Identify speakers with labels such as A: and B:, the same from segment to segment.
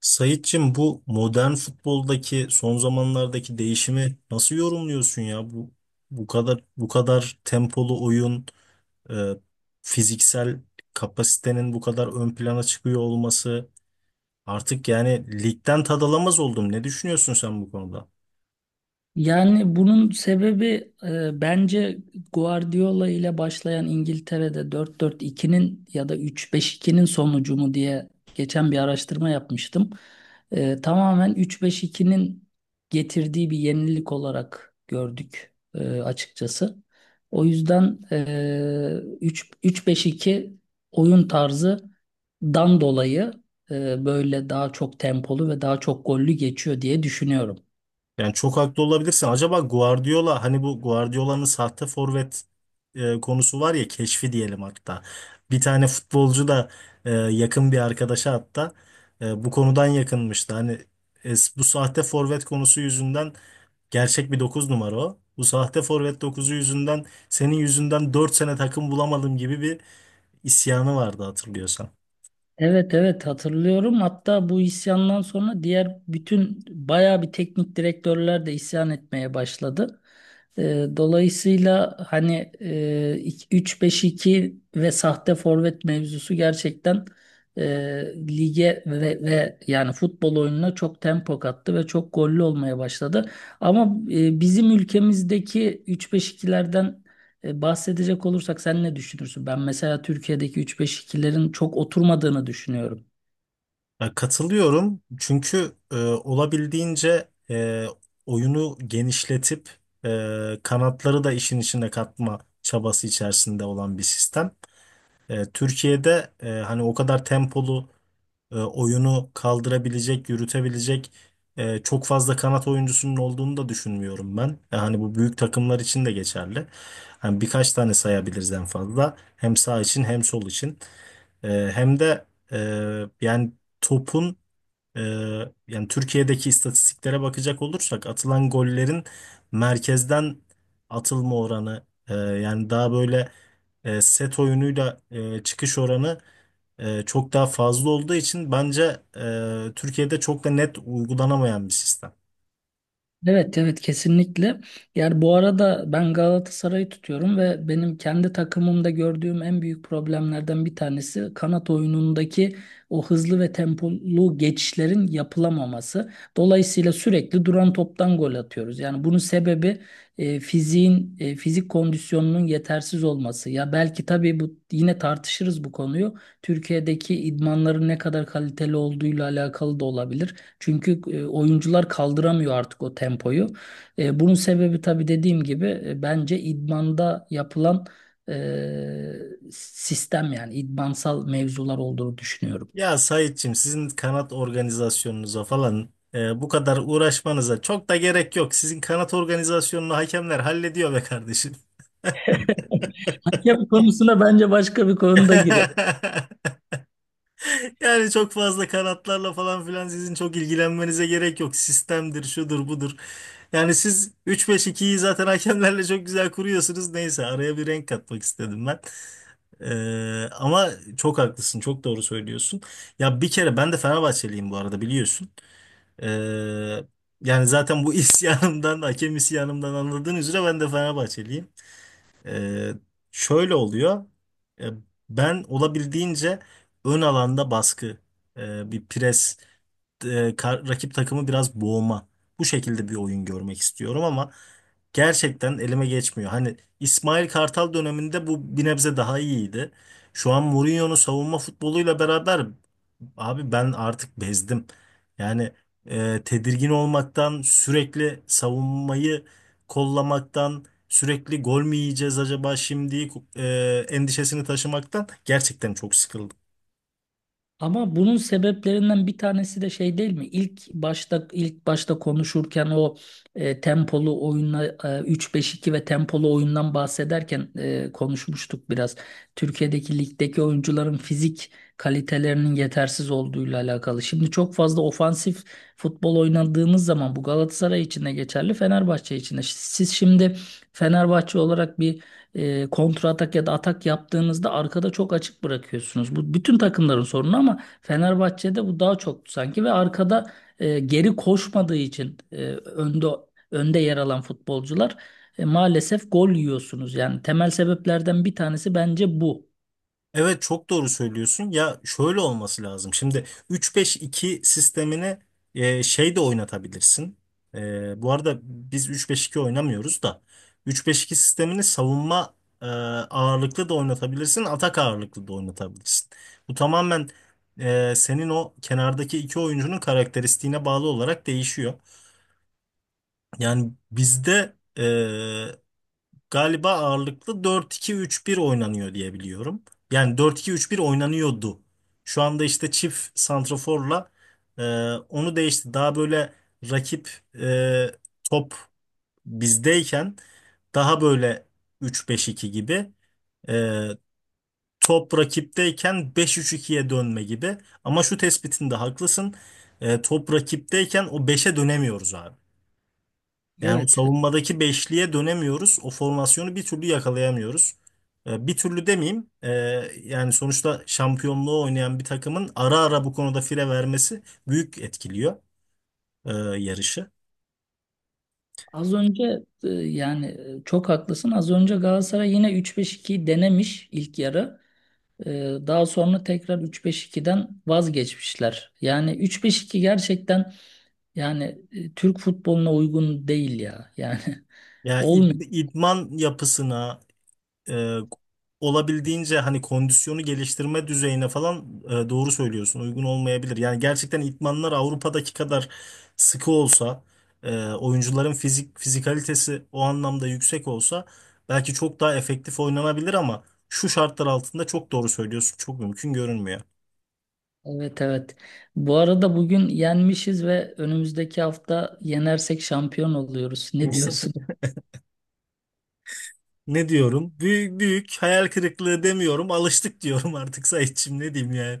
A: Sayitçim bu modern futboldaki son zamanlardaki değişimi nasıl yorumluyorsun ya? Bu kadar bu kadar tempolu oyun, e, fiziksel kapasitenin bu kadar ön plana çıkıyor olması artık yani ligden tad alamaz oldum. Ne düşünüyorsun sen bu konuda?
B: Yani bunun sebebi bence Guardiola ile başlayan İngiltere'de 4-4-2'nin ya da 3-5-2'nin sonucu mu diye geçen bir araştırma yapmıştım. Tamamen 3-5-2'nin getirdiği bir yenilik olarak gördük, açıkçası. O yüzden 3 3-5-2 oyun tarzı dan dolayı böyle daha çok tempolu ve daha çok gollü geçiyor diye düşünüyorum.
A: Yani çok haklı olabilirsin. Acaba Guardiola hani bu Guardiola'nın sahte forvet konusu var ya, keşfi diyelim hatta. Bir tane futbolcu da yakın bir arkadaşa hatta bu konudan yakınmıştı. Hani e, bu sahte forvet konusu yüzünden gerçek bir 9 numara o. Bu sahte forvet dokuzu yüzünden senin yüzünden 4 sene takım bulamadım gibi bir isyanı vardı, hatırlıyorsan.
B: Evet, evet, hatırlıyorum. Hatta bu isyandan sonra diğer bütün bayağı bir teknik direktörler de isyan etmeye başladı. Dolayısıyla hani, 3 5 ve sahte forvet mevzusu gerçekten e, lige ve yani futbol oyununa çok tempo kattı ve çok gollü olmaya başladı. Ama bizim ülkemizdeki üç beş ikilerden. Bahsedecek olursak sen ne düşünürsün? Ben mesela Türkiye'deki 3-5-2'lerin çok oturmadığını düşünüyorum.
A: Ya katılıyorum, çünkü olabildiğince oyunu genişletip kanatları da işin içine katma çabası içerisinde olan bir sistem. Türkiye'de, hani o kadar tempolu oyunu kaldırabilecek, yürütebilecek çok fazla kanat oyuncusunun olduğunu da düşünmüyorum ben. Hani bu büyük takımlar için de geçerli. Hani birkaç tane sayabiliriz en fazla. Hem sağ için hem sol için. E, Hem de e, yani topun, ee, yani Türkiye'deki istatistiklere bakacak olursak atılan gollerin merkezden atılma oranı, yani daha böyle set oyunuyla çıkış oranı çok daha fazla olduğu için bence Türkiye'de çok da net uygulanamayan bir sistem.
B: Evet, evet, kesinlikle. Yani bu arada ben Galatasaray'ı tutuyorum ve benim kendi takımımda gördüğüm en büyük problemlerden bir tanesi kanat oyunundaki o hızlı ve tempolu geçişlerin yapılamaması. Dolayısıyla sürekli duran toptan gol atıyoruz. Yani bunun sebebi fizik kondisyonunun yetersiz olması. Ya belki tabii bu yine tartışırız bu konuyu. Türkiye'deki idmanların ne kadar kaliteli olduğuyla alakalı da olabilir. Çünkü oyuncular kaldıramıyor artık o tempoyu. Bunun sebebi tabii dediğim gibi, bence idmanda yapılan sistem, yani idmansal mevzular olduğunu düşünüyorum.
A: Ya Saitçim, sizin kanat organizasyonunuza falan bu kadar uğraşmanıza çok da gerek yok. Sizin kanat organizasyonunu hakemler hallediyor be kardeşim.
B: Hakem konusuna bence başka bir konuda girer.
A: Yani çok fazla kanatlarla falan filan sizin çok ilgilenmenize gerek yok. Sistemdir, şudur, budur. Yani siz üç beş ikiyi zaten hakemlerle çok güzel kuruyorsunuz. Neyse, araya bir renk katmak istedim ben. Ama çok haklısın, çok doğru söylüyorsun. Ya bir kere ben de Fenerbahçeliyim bu arada, biliyorsun. Ee, Yani zaten bu isyanımdan, hakem isyanımdan anladığın üzere ben de Fenerbahçeliyim. Ee, Şöyle oluyor. Ee, Ben olabildiğince ön alanda baskı, bir pres, rakip takımı biraz boğma. Bu şekilde bir oyun görmek istiyorum ama gerçekten elime geçmiyor. Hani İsmail Kartal döneminde bu bir nebze daha iyiydi. Şu an Mourinho'nun savunma futboluyla beraber abi ben artık bezdim. Yani tedirgin olmaktan, sürekli savunmayı kollamaktan, sürekli gol mü yiyeceğiz acaba şimdi endişesini taşımaktan gerçekten çok sıkıldım.
B: Ama bunun sebeplerinden bir tanesi de şey değil mi? İlk başta konuşurken o, tempolu oyunla, 3-5-2 ve tempolu oyundan bahsederken, konuşmuştuk biraz. Türkiye'deki ligdeki oyuncuların fizik kalitelerinin yetersiz olduğuyla alakalı. Şimdi çok fazla ofansif futbol oynadığınız zaman bu Galatasaray için de geçerli, Fenerbahçe için de. Siz şimdi Fenerbahçe olarak bir kontra atak ya da atak yaptığınızda arkada çok açık bırakıyorsunuz. Bu bütün takımların sorunu ama Fenerbahçe'de bu daha çok sanki, ve arkada geri koşmadığı için önde yer alan futbolcular, maalesef gol yiyorsunuz. Yani temel sebeplerden bir tanesi bence bu.
A: Evet, çok doğru söylüyorsun. Ya şöyle olması lazım. Şimdi 3-5-2 sistemini şey de oynatabilirsin. Bu arada biz 3-5-2 oynamıyoruz da, 3-5-2 sistemini savunma e, ağırlıklı da oynatabilirsin, atak ağırlıklı da oynatabilirsin. Bu tamamen senin o kenardaki iki oyuncunun karakteristiğine bağlı olarak değişiyor. Yani bizde galiba ağırlıklı 4-2-3-1 oynanıyor diye biliyorum. Yani 4-2-3-1 oynanıyordu. Şu anda işte çift santraforla e, onu değişti. Daha böyle rakip, e, top bizdeyken daha böyle 3-5-2 gibi, e, top rakipteyken 5-3-2'ye dönme gibi. Ama şu tespitinde haklısın. Top rakipteyken o beşe dönemiyoruz abi. Yani o
B: Evet.
A: savunmadaki beşliye dönemiyoruz. O formasyonu bir türlü yakalayamıyoruz. Bir türlü demeyeyim. Yani sonuçta şampiyonluğu oynayan bir takımın ara ara bu konuda fire vermesi büyük etkiliyor ee, yarışı.
B: Az önce yani çok haklısın. Az önce Galatasaray yine 3-5-2'yi denemiş ilk yarı. Daha sonra tekrar 3-5-2'den vazgeçmişler. Yani 3-5-2 gerçekten, yani, Türk futboluna uygun değil ya. Yani
A: Yani
B: olmuyor.
A: idman yapısına, e, olabildiğince hani kondisyonu geliştirme düzeyine falan, doğru söylüyorsun. Uygun olmayabilir. Yani gerçekten idmanlar Avrupa'daki kadar sıkı olsa, oyuncuların fizikalitesi o anlamda yüksek olsa belki çok daha efektif oynanabilir ama şu şartlar altında çok doğru söylüyorsun. Çok mümkün görünmüyor.
B: Evet, evet. Bu arada bugün yenmişiz ve önümüzdeki hafta yenersek şampiyon oluyoruz. Ne diyorsun?
A: Ne diyorum? Büyük büyük hayal kırıklığı demiyorum. Alıştık diyorum artık Saitçiğim, ne diyeyim yani.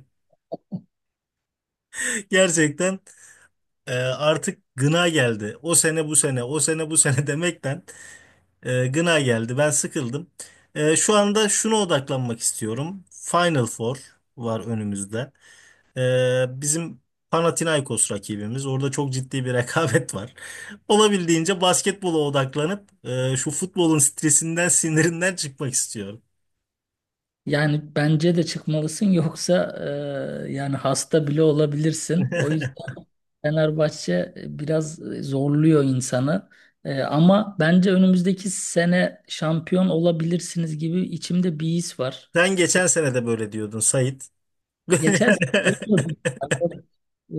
A: Gerçekten artık gına geldi. O sene bu sene, o sene bu sene, demekten gına geldi. Ben sıkıldım. Şu anda şuna odaklanmak istiyorum. Final Four var önümüzde. Bizim Panathinaikos rakibimiz. Orada çok ciddi bir rekabet var. Olabildiğince basketbola odaklanıp şu futbolun stresinden, sinirinden çıkmak istiyorum.
B: Yani bence de çıkmalısın, yoksa yani hasta bile olabilirsin. O yüzden Fenerbahçe biraz zorluyor insanı. Ama bence önümüzdeki sene şampiyon olabilirsiniz gibi içimde bir his var.
A: Sen
B: E,
A: geçen sene de böyle diyordun Sait.
B: Geçen sene.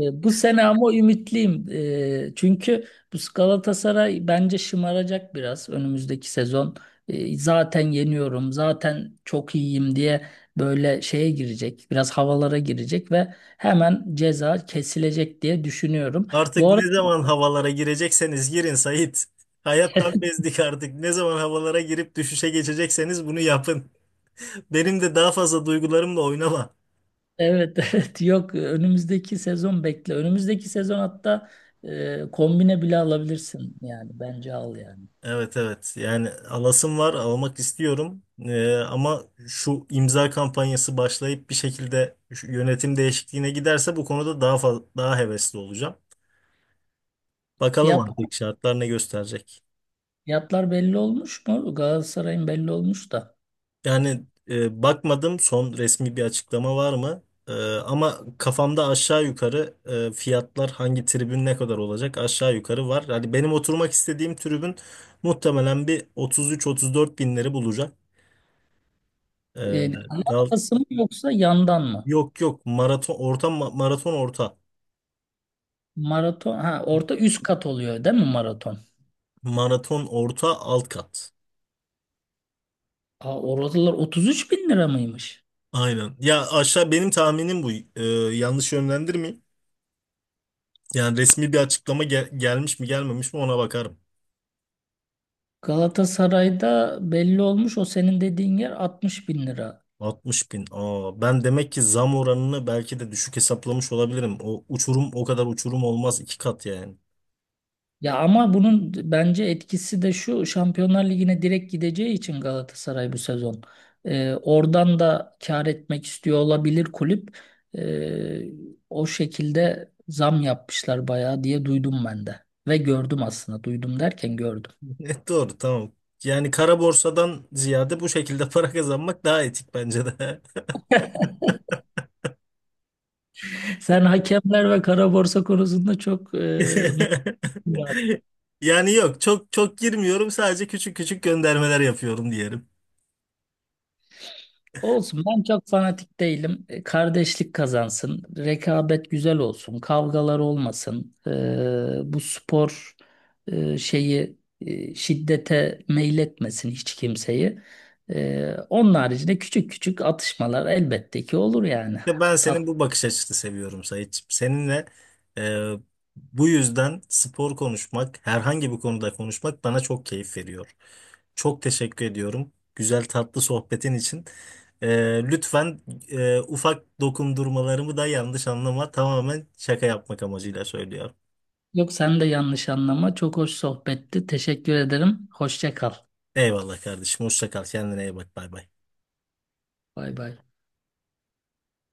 B: Bu sene ama ümitliyim. Çünkü bu Galatasaray bence şımaracak biraz önümüzdeki sezon. Zaten yeniyorum, zaten çok iyiyim diye böyle şeye girecek, biraz havalara girecek ve hemen ceza kesilecek diye düşünüyorum.
A: Artık
B: Bu arada
A: ne zaman havalara girecekseniz girin Sait. Hayattan bezdik artık. Ne zaman havalara girip düşüşe geçecekseniz bunu yapın. Benim de daha fazla duygularımla oynama.
B: evet, evet, yok, önümüzdeki sezon bekle. Önümüzdeki sezon hatta kombine bile alabilirsin, yani bence al yani.
A: Evet, evet, yani alasım var, almak istiyorum. Ama şu imza kampanyası başlayıp bir şekilde şu yönetim değişikliğine giderse bu konuda daha hevesli olacağım. Bakalım
B: Fiyat
A: artık şartlar ne gösterecek.
B: Fiyatlar belli olmuş mu? Galatasaray'ın belli olmuş da.
A: Yani bakmadım, son resmi bir açıklama var mı? E, ama kafamda aşağı yukarı, fiyatlar hangi tribün ne kadar olacak aşağı yukarı var. Hani benim oturmak istediğim tribün muhtemelen bir 33-34 binleri bulacak.
B: E,
A: E, Gal-
B: markası mı yoksa yandan mı?
A: yok yok, maraton orta,
B: Maraton. Ha orta üst kat oluyor değil mi maraton?
A: maraton orta alt kat.
B: Aa, oradalar 33 bin lira mıymış?
A: Aynen. Ya aşağı benim tahminim bu. E, Yanlış yönlendirmeyeyim. Yani resmi bir açıklama gelmiş mi gelmemiş mi ona bakarım.
B: Galatasaray'da belli olmuş, o senin dediğin yer 60 bin lira.
A: 60 bin. Aa, ben demek ki zam oranını belki de düşük hesaplamış olabilirim. O uçurum o kadar uçurum olmaz, iki kat yani.
B: Ya ama bunun bence etkisi de şu: Şampiyonlar Ligi'ne direkt gideceği için Galatasaray bu sezon. Oradan da kâr etmek istiyor olabilir kulüp. Ee, o şekilde zam yapmışlar bayağı diye duydum ben de. Ve gördüm, aslında duydum derken gördüm.
A: Evet, doğru, tamam. Yani kara borsadan ziyade bu şekilde para kazanmak daha etik bence de.
B: Sen hakemler ve kara borsa konusunda çok mutluyum.
A: Yani yok, çok çok girmiyorum, sadece küçük küçük göndermeler yapıyorum.
B: Olsun, ben çok fanatik değilim. Kardeşlik kazansın. Rekabet güzel olsun. Kavgalar olmasın. Bu spor şeyi, şiddete meyletmesin hiç kimseyi. Onun haricinde küçük küçük atışmalar elbette ki olur yani.
A: İşte ben senin bu bakış açısını seviyorum Sayit. Seninle e, bu yüzden spor konuşmak, herhangi bir konuda konuşmak bana çok keyif veriyor. Çok teşekkür ediyorum, güzel tatlı sohbetin için. Lütfen ufak dokundurmalarımı da yanlış anlama. Tamamen şaka yapmak amacıyla söylüyorum.
B: Yok, sen de yanlış anlama. Çok hoş sohbetti. Teşekkür ederim. Hoşça kal.
A: Eyvallah kardeşim. Hoşça kal. Kendine iyi bak. Bay bay.
B: Bay bay.